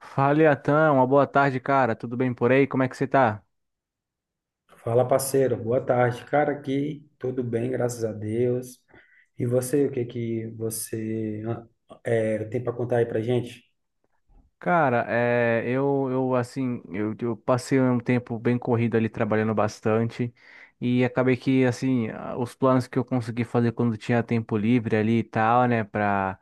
Fala, Iatan, uma boa tarde, cara. Tudo bem por aí? Como é que você tá? Fala, parceiro. Boa tarde. Cara, aqui tudo bem, graças a Deus. E você, o que que você é, tem para contar aí pra gente? Cara, é, eu assim, eu passei um tempo bem corrido ali trabalhando bastante e acabei que assim, os planos que eu consegui fazer quando tinha tempo livre ali e tal, né,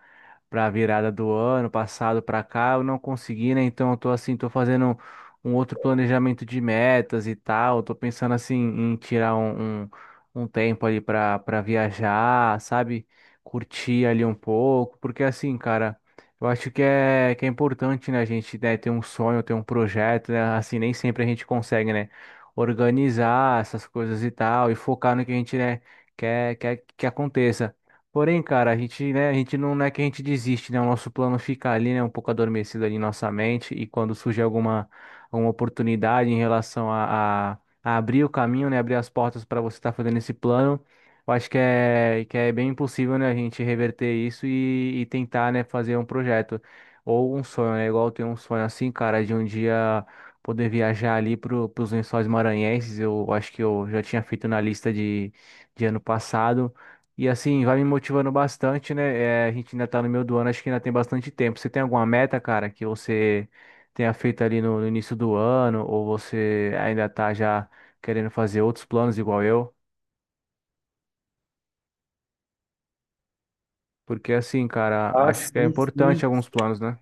pra virada do ano passado pra cá, eu não consegui, né? Então eu tô assim, tô fazendo um outro planejamento de metas e tal, tô pensando assim em tirar um tempo ali para viajar, sabe? Curtir ali um pouco, porque assim, cara. Eu acho que é importante, né, a gente, né, ter um sonho, ter um projeto, né, assim, nem sempre a gente consegue, né, organizar essas coisas e tal, e focar no que a gente, né, quer que aconteça. Porém, cara, a gente, né, a gente não é que a gente desiste, né, o nosso plano fica ali, né, um pouco adormecido ali em nossa mente, e quando surge alguma oportunidade em relação a abrir o caminho, né, abrir as portas para você estar fazendo esse plano, eu acho que é bem impossível, né, a gente reverter isso e tentar, né, fazer um projeto ou um sonho, né? Igual eu tenho um sonho assim, cara, de um dia poder viajar ali pros Lençóis Maranhenses. Eu acho que eu já tinha feito na lista de ano passado. E assim, vai me motivando bastante, né? É, a gente ainda tá no meio do ano, acho que ainda tem bastante tempo. Você tem alguma meta, cara, que você tenha feito ali no início do ano, ou você ainda tá já querendo fazer outros planos igual eu? Porque assim, cara, Ah, acho que é sim, sim. importante alguns planos, né?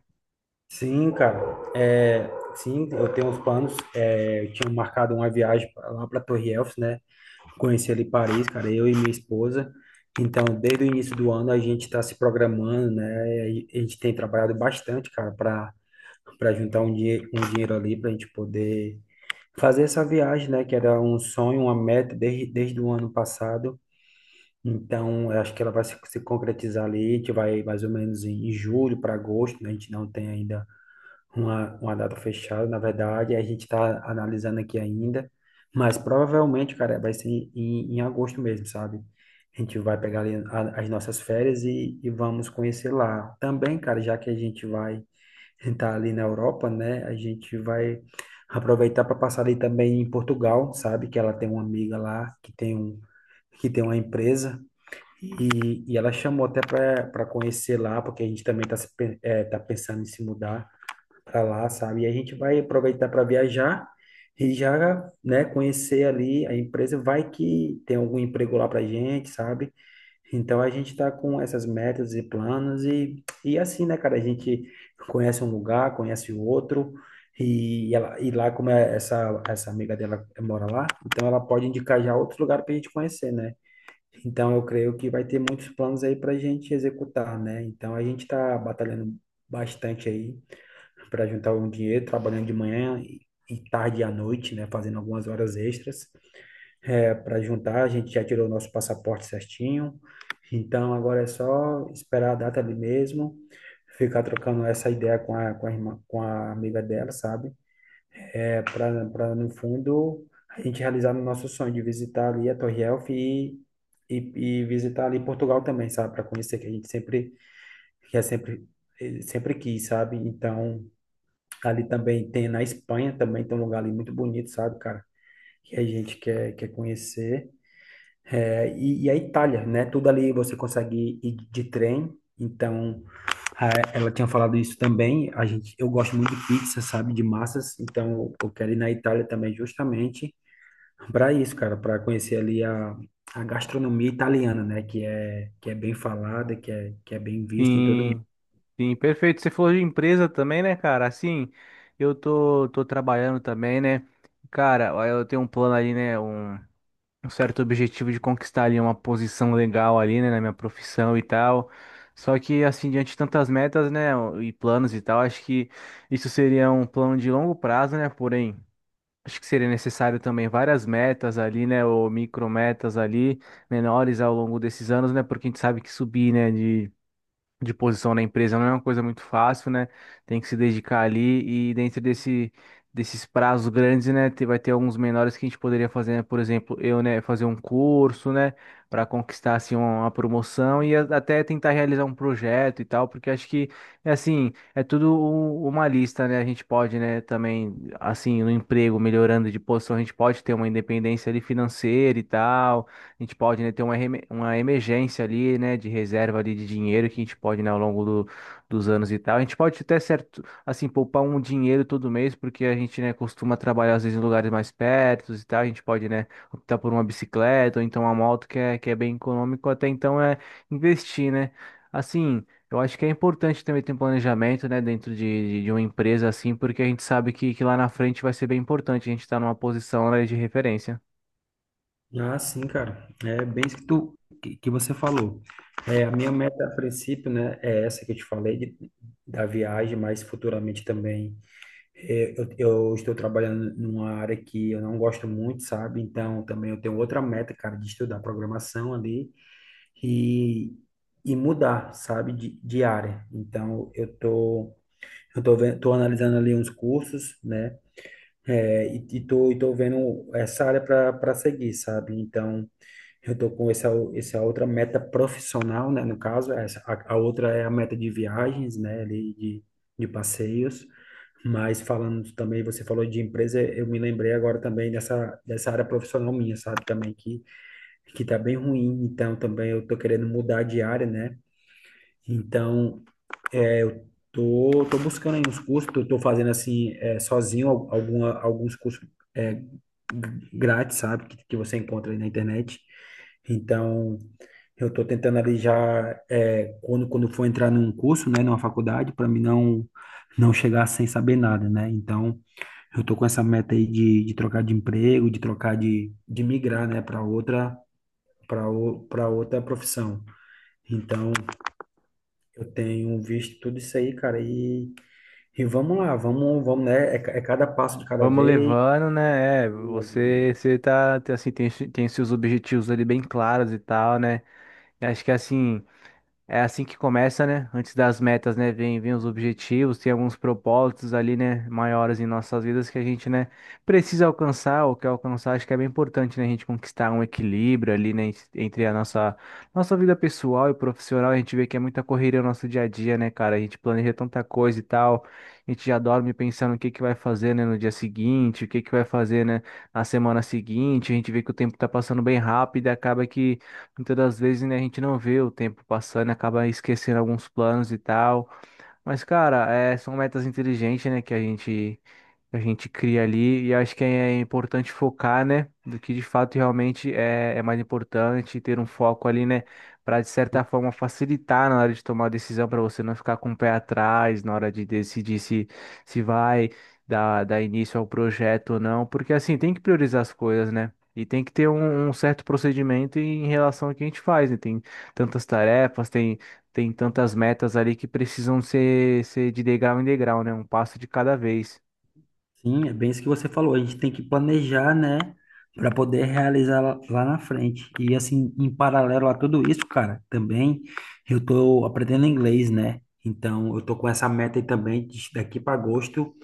Sim, cara. É, sim, eu tenho uns planos. É, eu tinha marcado uma viagem lá para Torre Eiffel, né? Conheci ali Paris, cara, eu e minha esposa. Então, desde o início do ano a gente está se programando, né? E a gente tem trabalhado bastante, cara, para juntar um dinheiro ali para a gente poder fazer essa viagem, né, que era um sonho, uma meta desde o ano passado. Então, eu acho que ela vai se concretizar ali, a gente vai mais ou menos em julho para agosto, né? A gente não tem ainda uma data fechada, na verdade, a gente está analisando aqui ainda, mas provavelmente, cara, vai ser em agosto mesmo, sabe? A gente vai pegar ali as nossas férias e vamos conhecer lá. Também, cara, já que a gente vai está ali na Europa, né? A gente vai aproveitar para passar ali também em Portugal, sabe? Que ela tem uma amiga lá que tem uma empresa e ela chamou até para conhecer lá, porque a gente também está é, tá pensando em se mudar para lá, sabe? E a gente vai aproveitar para viajar e já, né? Conhecer ali a empresa, vai que tem algum emprego lá para gente, sabe? Então a gente tá com essas metas e planos e assim, né, cara? A gente conhece um lugar, conhece o outro e, ela, e lá como é essa amiga dela mora lá, então ela pode indicar já outro lugar para a gente conhecer, né? Então eu creio que vai ter muitos planos aí para a gente executar, né? Então a gente tá batalhando bastante aí para juntar um dinheiro, trabalhando de manhã e tarde e à noite, né? Fazendo algumas horas extras é, para juntar. A gente já tirou o nosso passaporte certinho. Então agora é só esperar a data ali mesmo, ficar trocando essa ideia com a irmã, com a amiga dela, sabe? É, para no fundo a gente realizar o nosso sonho de visitar ali a Torre Eiffel e, e visitar ali Portugal também, sabe? Para conhecer que a gente sempre que é sempre sempre quis, sabe? Então ali também tem na Espanha também tem um lugar ali muito bonito, sabe, cara? Que a gente quer conhecer. É, e a Itália, né? Tudo ali você consegue ir de trem. Então, ah, ela tinha falado isso também. A gente, eu gosto muito de pizza, sabe? De massas. Então, eu quero ir na Itália também justamente para isso, cara, para conhecer ali a gastronomia italiana, né? Que é bem falada, que é bem vista em todo mundo. Sim, sim, perfeito. Você falou de empresa também, né, cara? Assim, eu tô trabalhando também, né? Cara, ó, eu tenho um plano ali, né? Um certo objetivo de conquistar ali uma posição legal ali, né, na minha profissão e tal. Só que, assim, diante de tantas metas, né, e planos e tal, acho que isso seria um plano de longo prazo, né? Porém. Acho que seria necessário também várias metas ali, né, ou micrometas ali, menores ao longo desses anos, né, porque a gente sabe que subir, né, de posição na empresa não é uma coisa muito fácil, né? Tem que se dedicar ali e dentro desses prazos grandes, né? Vai ter alguns menores que a gente poderia fazer, né? Por exemplo, eu, né, fazer um curso, né, para conquistar assim uma promoção e até tentar realizar um projeto e tal, porque acho que é assim, é tudo uma lista, né? A gente pode, né, também assim, no emprego, melhorando de posição, a gente pode ter uma independência ali financeira e tal a gente pode, né, ter uma, uma emergência ali, né, de reserva ali de dinheiro que a gente pode, né, ao longo dos anos e tal. A gente pode até certo, assim, poupar um dinheiro todo mês, porque a gente, né, costuma trabalhar às vezes em lugares mais perto e tal. A gente pode, né, optar por uma bicicleta ou então uma moto que é bem econômico. Até então é investir, né? Assim. Eu acho que é importante também ter um planejamento, né, dentro de uma empresa assim, porque a gente sabe que lá na frente vai ser bem importante a gente estar numa posição, né, de referência. Ah, sim, cara. É bem isso que você falou. É, a minha meta a princípio, né, é essa que eu te falei de, da viagem, mas futuramente também é, eu estou trabalhando numa área que eu não gosto muito, sabe? Então, também eu tenho outra meta, cara, de estudar programação ali e, e mudar, sabe, de área. Então, eu tô vendo, tô analisando ali uns cursos, né? É, e, e tô vendo essa área para seguir, sabe? Então, eu tô com essa outra meta profissional, né? No caso, a outra é a meta de viagens, né? Ali de passeios. Mas falando também, você falou de empresa, eu me lembrei agora também dessa área profissional minha, sabe? Também que tá bem ruim, então também eu tô querendo mudar de área, né? Então, é, eu tô, tô buscando aí uns cursos, tô fazendo assim, é, sozinho, alguma, alguns cursos é, g- grátis, sabe, que você encontra aí na internet. Então, eu tô tentando ali já, é, quando for entrar num curso, né, numa faculdade, para mim não, não chegar sem saber nada, né? Então, eu tô com essa meta aí de trocar de emprego, de trocar de migrar, né, para outra, para para outra profissão. Então, eu tenho visto tudo isso aí, cara, e vamos lá, vamos, né? É, é cada passo de cada Vamos vez. levando, né? É, você, tá, assim, tem seus objetivos ali bem claros e tal, né? E acho que assim. É assim que começa, né? Antes das metas, né? Vem os objetivos, tem alguns propósitos ali, né? Maiores em nossas vidas que a gente, né? Precisa alcançar, ou quer alcançar. Acho que é bem importante, né? A gente conquistar um equilíbrio ali, né? Entre a nossa, nossa vida pessoal e profissional. A gente vê que é muita correria no nosso dia a dia, né, cara? A gente planeja tanta coisa e tal. A gente já dorme pensando o que que vai fazer, né? No dia seguinte, o que que vai fazer, né? Na semana seguinte. A gente vê que o tempo tá passando bem rápido e acaba que. Muitas das vezes, né, a gente não vê o tempo passando, acaba esquecendo alguns planos e tal. Mas, cara, é, são metas inteligentes, né, que a gente cria ali, e acho que é importante focar, né, do que de fato realmente é, é mais importante, ter um foco ali, né, para de certa forma facilitar na hora de tomar a decisão, para você não ficar com o pé atrás na hora de decidir se, se vai dar início ao projeto ou não, porque assim, tem que priorizar as coisas, né, e tem que ter um, um certo procedimento em relação ao que a gente faz, né, tem tantas tarefas, tem tantas metas ali que precisam ser, ser de degrau em degrau, né? Um passo de cada vez. Sim, é bem isso que você falou. A gente tem que planejar, né, para poder realizar lá na frente. E assim, em paralelo a tudo isso, cara, também eu tô aprendendo inglês, né? Então, eu tô com essa meta aí também de daqui para agosto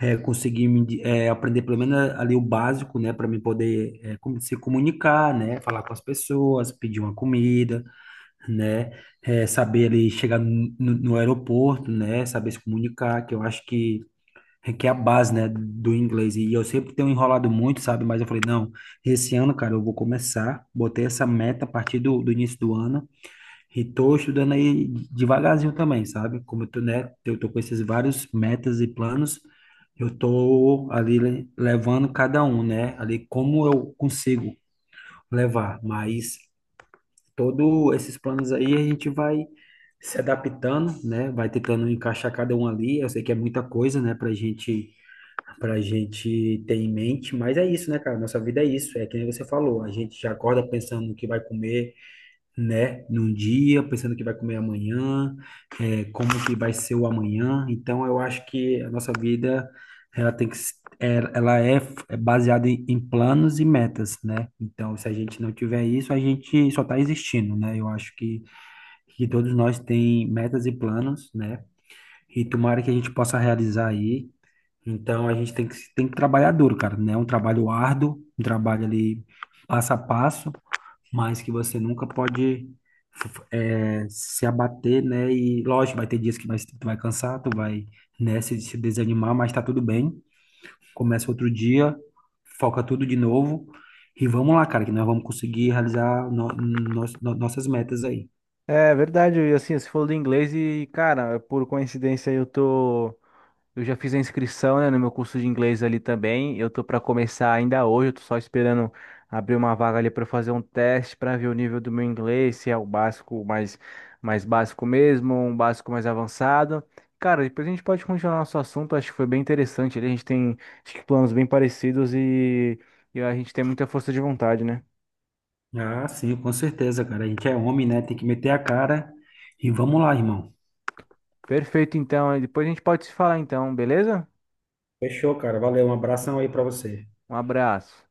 é, aprender pelo menos ali o básico, né, para me poder é, se comunicar, né, falar com as pessoas, pedir uma comida, né, é, saber ali chegar no aeroporto, né, saber se comunicar, que eu acho que é a base, né, do inglês. E eu sempre tenho enrolado muito, sabe? Mas eu falei, não, esse ano, cara, eu vou começar. Botei essa meta a partir do, do início do ano. E tô estudando aí devagarzinho também, sabe? Como eu tô, né, eu tô com esses vários metas e planos, eu tô ali levando cada um, né? Ali como eu consigo levar, mas todos esses planos aí a gente vai se adaptando, né? Vai tentando encaixar cada um ali. Eu sei que é muita coisa, né, pra gente ter em mente, mas é isso, né, cara? Nossa vida é isso, é que nem você falou, a gente já acorda pensando no que vai comer, né, num dia, pensando que vai comer amanhã, é, como que vai ser o amanhã. Então, eu acho que a nossa vida, ela tem que, ela é baseada em, em planos e metas, né? Então, se a gente não tiver isso, a gente só está existindo, né? Eu acho que todos nós tem metas e planos, né? E tomara que a gente possa realizar aí. Então, a gente tem que trabalhar duro, cara, né? Um trabalho árduo, um trabalho ali passo a passo, mas que você nunca pode se abater, né? E lógico, vai ter dias tu vai cansar, tu vai, né, se desanimar, mas tá tudo bem. Começa outro dia, foca tudo de novo e vamos lá, cara, que nós vamos conseguir realizar nossas metas aí. É verdade, e assim, você falou do inglês e, cara, por coincidência eu tô. Eu já fiz a inscrição, né, no meu curso de inglês ali também. Eu tô para começar ainda hoje, eu tô só esperando abrir uma vaga ali para fazer um teste para ver o nível do meu inglês, se é o básico mais básico mesmo, ou um básico mais avançado. Cara, depois a gente pode continuar nosso assunto, acho que foi bem interessante ali, a gente tem acho que planos bem parecidos e a gente tem muita força de vontade, né? Ah, sim, com certeza, cara. A gente é homem, né? Tem que meter a cara e vamos lá, irmão. Perfeito, então, aí depois a gente pode se falar então, beleza? Fechou, cara. Valeu, um abração aí pra você. Um abraço.